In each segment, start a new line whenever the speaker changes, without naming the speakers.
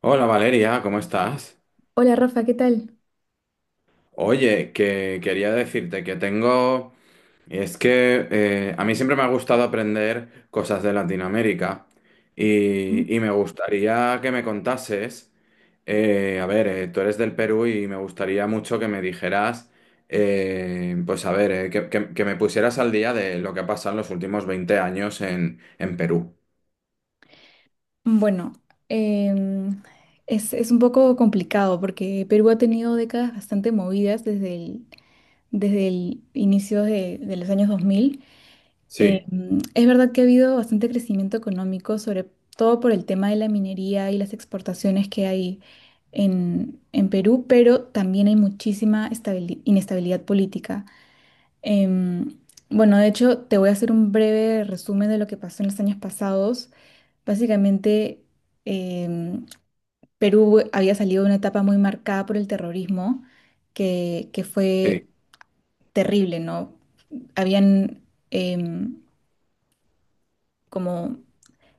Hola Valeria, ¿cómo estás?
Hola Rafa, ¿qué tal?
Oye, que quería decirte que tengo... Es que a mí siempre me ha gustado aprender cosas de Latinoamérica y,
Mm.
me gustaría que me contases, tú eres del Perú y me gustaría mucho que me dijeras, pues a ver, que me pusieras al día de lo que ha pasado en los últimos 20 años en, Perú.
Bueno, em, es un poco complicado porque Perú ha tenido décadas bastante movidas desde el inicio de los años 2000.
Sí,
Es verdad que ha habido bastante crecimiento económico, sobre todo por el tema de la minería y las exportaciones que hay en Perú, pero también hay muchísima inestabilidad política. Em, bueno, de hecho, te voy a hacer un breve resumen de lo que pasó en los años pasados. Básicamente, em, Perú había salido de una etapa muy marcada por el terrorismo, que fue
sí.
terrible, ¿no? Habían em, como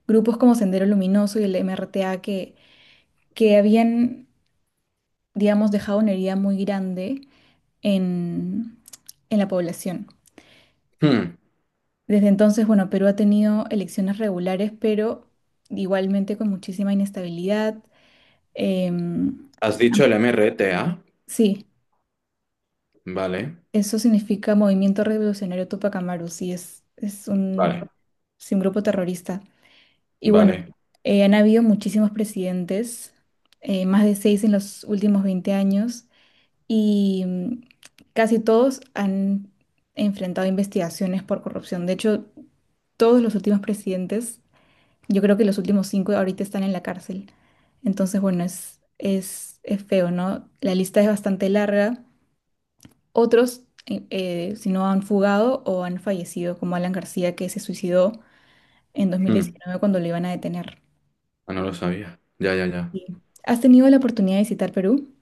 grupos como Sendero Luminoso y el MRTA que habían, digamos, dejado una herida muy grande en, en la población.
Hmm.
Desde entonces, bueno, Perú ha tenido elecciones regulares, pero igualmente con muchísima inestabilidad. em,
¿Has dicho el MRTA?
Sí.
Vale,
Eso significa Movimiento Revolucionario Tupac Amaru, sí, es un,
vale,
sí, un grupo terrorista. Y bueno,
vale.
han habido muchísimos presidentes, más de seis en los últimos 20 años, y casi todos han enfrentado investigaciones por corrupción. De hecho, todos los últimos presidentes, yo creo que los últimos cinco ahorita están en la cárcel. Entonces, bueno, es feo, ¿no? La lista es bastante larga. Otros, si no han fugado o han fallecido, como Alan García, que se suicidó en dos mil
Hmm.
diecinueve cuando lo iban a detener.
Ah, no lo sabía. Ya, ya, ya.
Sí. ¿Has tenido la oportunidad de visitar Perú?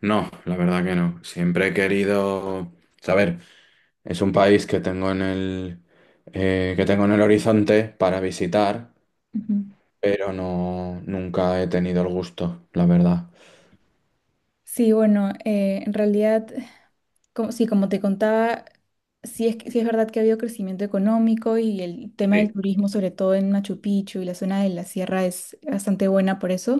No, la verdad que no. Siempre he querido saber. Es un país que tengo en el que tengo en el horizonte para visitar,
Ujú.
pero nunca he tenido el gusto, la verdad.
Sí, bueno, en realidad, como, sí, como te contaba, sí es verdad que ha habido crecimiento económico y el tema del
Sí.
turismo, sobre todo en Machu Picchu y la zona de la sierra, es bastante buena por eso.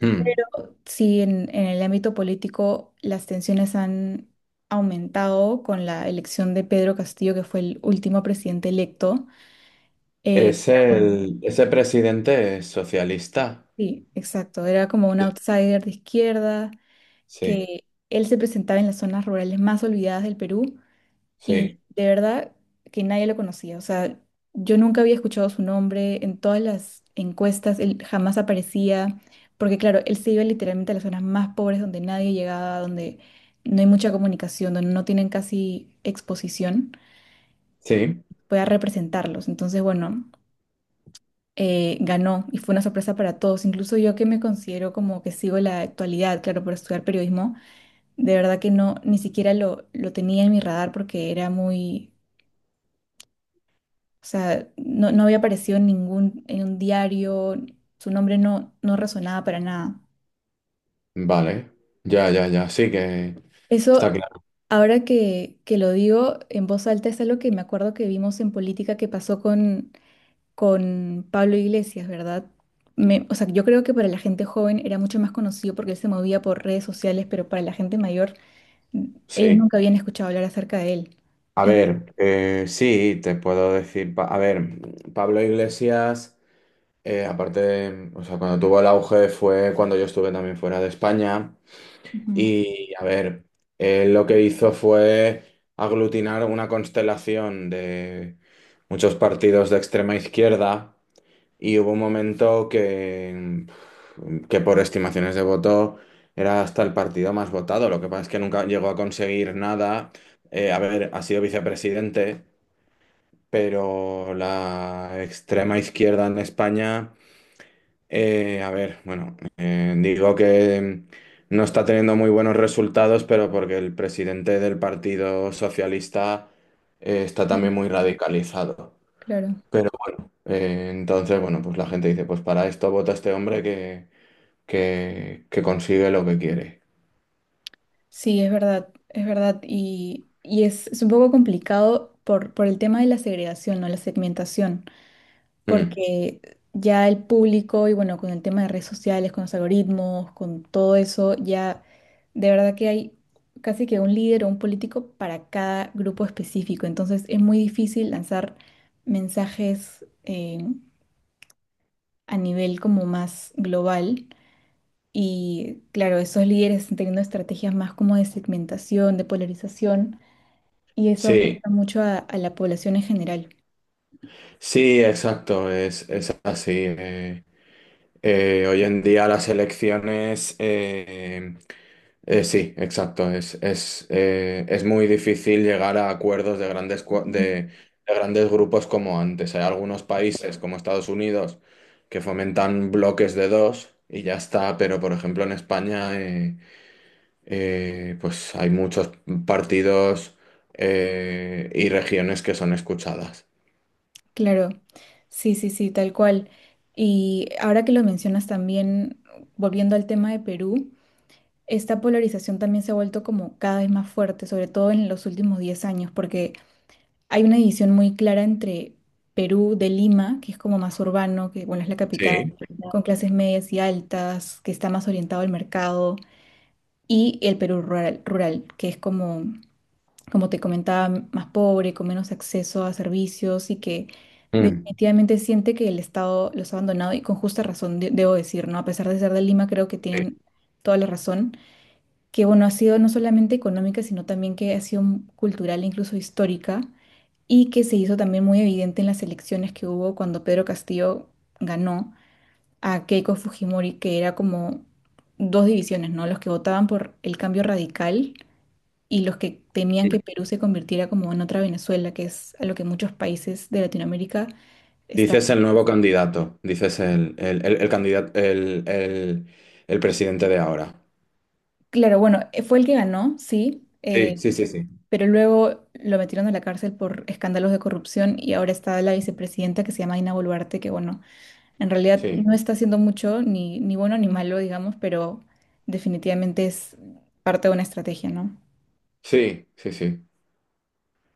Hmm.
Sí, en el ámbito político las tensiones han aumentado con la elección de Pedro Castillo, que fue el último presidente electo. eh, que
Es
era un-
el, ese presidente es socialista.
sí, exacto. Era como un outsider de izquierda,
Sí,
que él se presentaba en las zonas rurales más olvidadas del Perú. Y
sí,
de verdad que nadie lo conocía. O sea, yo nunca había escuchado su nombre en todas las encuestas, él jamás aparecía, porque claro, él se iba literalmente a las zonas más pobres donde nadie llegaba, donde no hay mucha comunicación, donde no tienen casi exposición,
sí.
fue a representarlos. Entonces, bueno, ganó y fue una sorpresa para todos. Incluso yo que me considero como que sigo la actualidad, claro, por estudiar periodismo, de verdad que no, ni siquiera lo tenía en mi radar porque era muy... O sea, no, no había aparecido en en un diario, su nombre no resonaba para nada.
Vale. Ya, ya, ya. Sí que está
Eso,
claro.
ahora que lo digo en voz alta, es algo que me acuerdo que vimos en política que pasó con Pablo Iglesias, ¿verdad? Yo creo que para la gente joven era mucho más conocido porque él se movía por redes sociales, pero para la gente mayor, mm, ellos
Sí.
nunca habían escuchado hablar acerca de él.
A
Eh,
ver, sí, te puedo decir, Pablo Iglesias, aparte de, o sea, cuando tuvo el auge fue cuando yo estuve también fuera de España
ujú,
y, a ver, él lo que hizo fue aglutinar una constelación de muchos partidos de extrema izquierda y hubo un momento que por estimaciones de voto era hasta el partido más votado, lo que pasa es que nunca llegó a conseguir nada. A ver, ha sido vicepresidente, pero la extrema izquierda en España, bueno, digo que no está teniendo muy buenos resultados, pero porque el presidente del Partido Socialista está
Ujú,
también muy radicalizado.
claro.
Pero entonces, bueno, pues la gente dice, pues para esto vota este hombre que consigue lo que quiere.
Sí, es verdad, es verdad. Y es un poco complicado por el tema de la segregación, ¿no? La segmentación,
Mm.
porque ya el público, y bueno, con el tema de redes sociales, con los algoritmos, con todo eso, ya de verdad que hay casi que un líder o un político para cada grupo específico. Entonces es muy difícil lanzar mensajes a nivel como más global. Y claro, esos líderes están teniendo estrategias más como de segmentación, de polarización y eso
Sí,
afecta mucho a la población en general.
sí, exacto, es así. Hoy en día las elecciones sí, exacto. Es muy difícil llegar a acuerdos de grandes, de grandes grupos como antes. Hay algunos países como Estados Unidos que fomentan bloques de dos y ya está, pero por ejemplo en España pues hay muchos partidos, y regiones que son escuchadas.
Claro, sí, sí, sí, tal cual. Y ahora que lo mencionas también, volviendo al tema de Perú, esta polarización también se ha vuelto como cada vez más fuerte, sobre todo en los últimos 10 años, porque hay una división muy clara entre Perú de Lima, que es como más urbano, que bueno, es la capital,
Sí.
con clases medias y altas, que está más orientado al mercado, y el Perú rural, rural, que es como como te comentaba, más pobre, con menos acceso a servicios y que
Mm.
definitivamente siente que el Estado los ha abandonado y con justa razón, debo decir, ¿no? A pesar de ser de Lima, creo que tienen toda la razón, que bueno, ha sido no solamente económica, sino también que ha sido cultural e incluso histórica y que se hizo también muy evidente en las elecciones que hubo cuando Pedro Castillo ganó a Keiko Fujimori, que era como dos divisiones, ¿no? Los que votaban por el cambio radical y los que temían
Sí.
que Perú se convirtiera como en otra Venezuela, que es a lo que muchos países de Latinoamérica están.
Dices el nuevo candidato, dices el candidato, el presidente de ahora.
Claro, bueno, fue el que ganó, sí,
Sí, sí, sí, sí.
pero luego lo metieron a la cárcel por escándalos de corrupción y ahora está la vicepresidenta que se llama Dina Boluarte, que bueno, en realidad
Sí,
no está haciendo mucho, ni, ni bueno ni malo, digamos, pero definitivamente es parte de una estrategia, ¿no?
sí, sí, sí,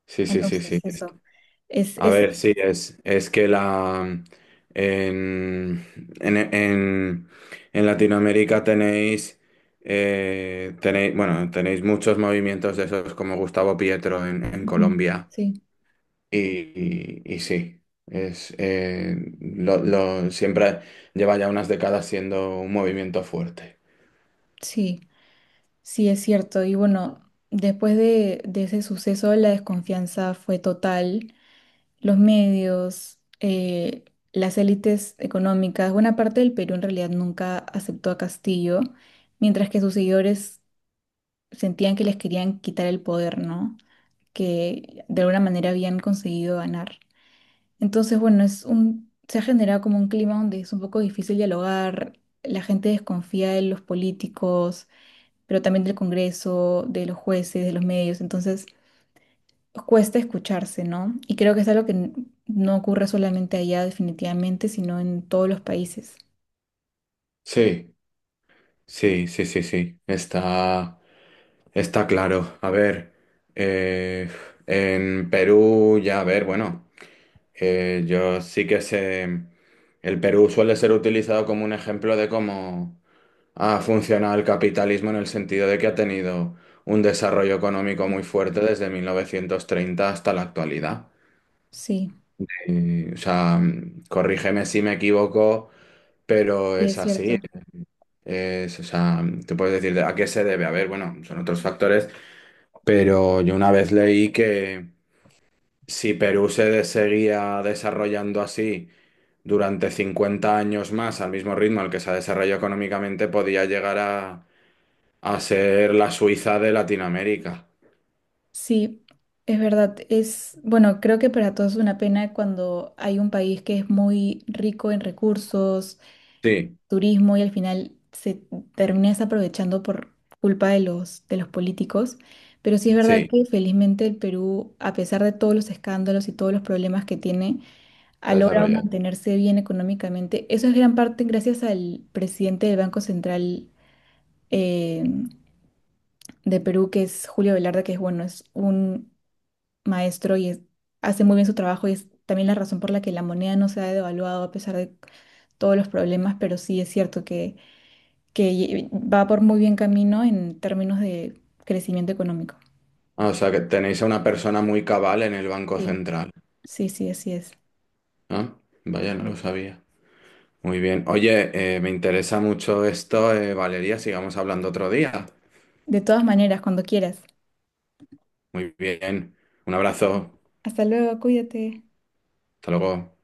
sí, sí, sí,
Entonces,
sí.
eso es,
A
es,
ver, sí, es que la mm, en, en, en, en Latinoamérica tenéis tenéis, bueno, tenéis muchos movimientos de esos como Gustavo Pietro en,
ujú,
Colombia.
sí,
Y sí, siempre, lleva ya unas décadas siendo un movimiento fuerte.
sí. Sí, es cierto. Y bueno, después de ese suceso, la desconfianza fue total. Los medios, las élites económicas, buena parte del Perú en realidad nunca aceptó a Castillo, mientras que sus seguidores sentían que les querían quitar el poder, ¿no? Que de alguna manera habían conseguido ganar. Entonces, bueno, se ha generado como un clima donde es un poco difícil dialogar, la gente desconfía de los políticos pero también del Congreso, de los jueces, de los medios. Entonces, cuesta escucharse, ¿no? Y creo que es algo no ocurre solamente allá definitivamente, sino en todos los países.
Sí. Sí, sí, sí, sí. Está, está claro. A ver, eh, en Perú ya, a ver, bueno, yo sí que sé, el Perú suele ser utilizado como un ejemplo de cómo ha funcionado el capitalismo en el sentido de que ha tenido un desarrollo económico muy fuerte desde 1930 hasta la actualidad.
Sí.
Y, o sea, corrígeme si me equivoco, pero
Sí,
es
es
así.
cierto.
Es, o sea, te puedes decir a qué se debe. A ver, bueno, son otros factores, pero yo una vez leí que si Perú seguía desarrollando así durante 50 años más al mismo ritmo al que se ha desarrollado económicamente, podía llegar a ser la Suiza de Latinoamérica.
Sí, es verdad. Es, bueno, creo que para todos es una pena cuando hay un país que es muy rico en recursos,
Sí,
turismo y al final se termina desaprovechando por culpa de los políticos. Pero sí es verdad
sí,
que felizmente el Perú, a pesar de todos los escándalos y todos los problemas que tiene, ha
se ha
logrado
desarrollado.
mantenerse bien económicamente. Eso es gran parte gracias al presidente del Banco Central eh, de Perú, que es Julio Velarde, que es bueno, es un maestro hace muy bien su trabajo y es también la razón por la que la moneda no se ha devaluado a pesar de todos los problemas, pero sí es cierto que va por muy bien camino en términos de crecimiento económico.
Ah, o sea, que tenéis a una persona muy cabal en el Banco
Sí,
Central.
sí, sí, así es.
Ah, vaya, no lo sabía. Muy bien. Oye, me interesa mucho esto, Valeria. Sigamos hablando otro día.
De todas maneras, cuando quieras.
Muy bien. Un abrazo.
Hasta luego, cuídate.
Hasta luego.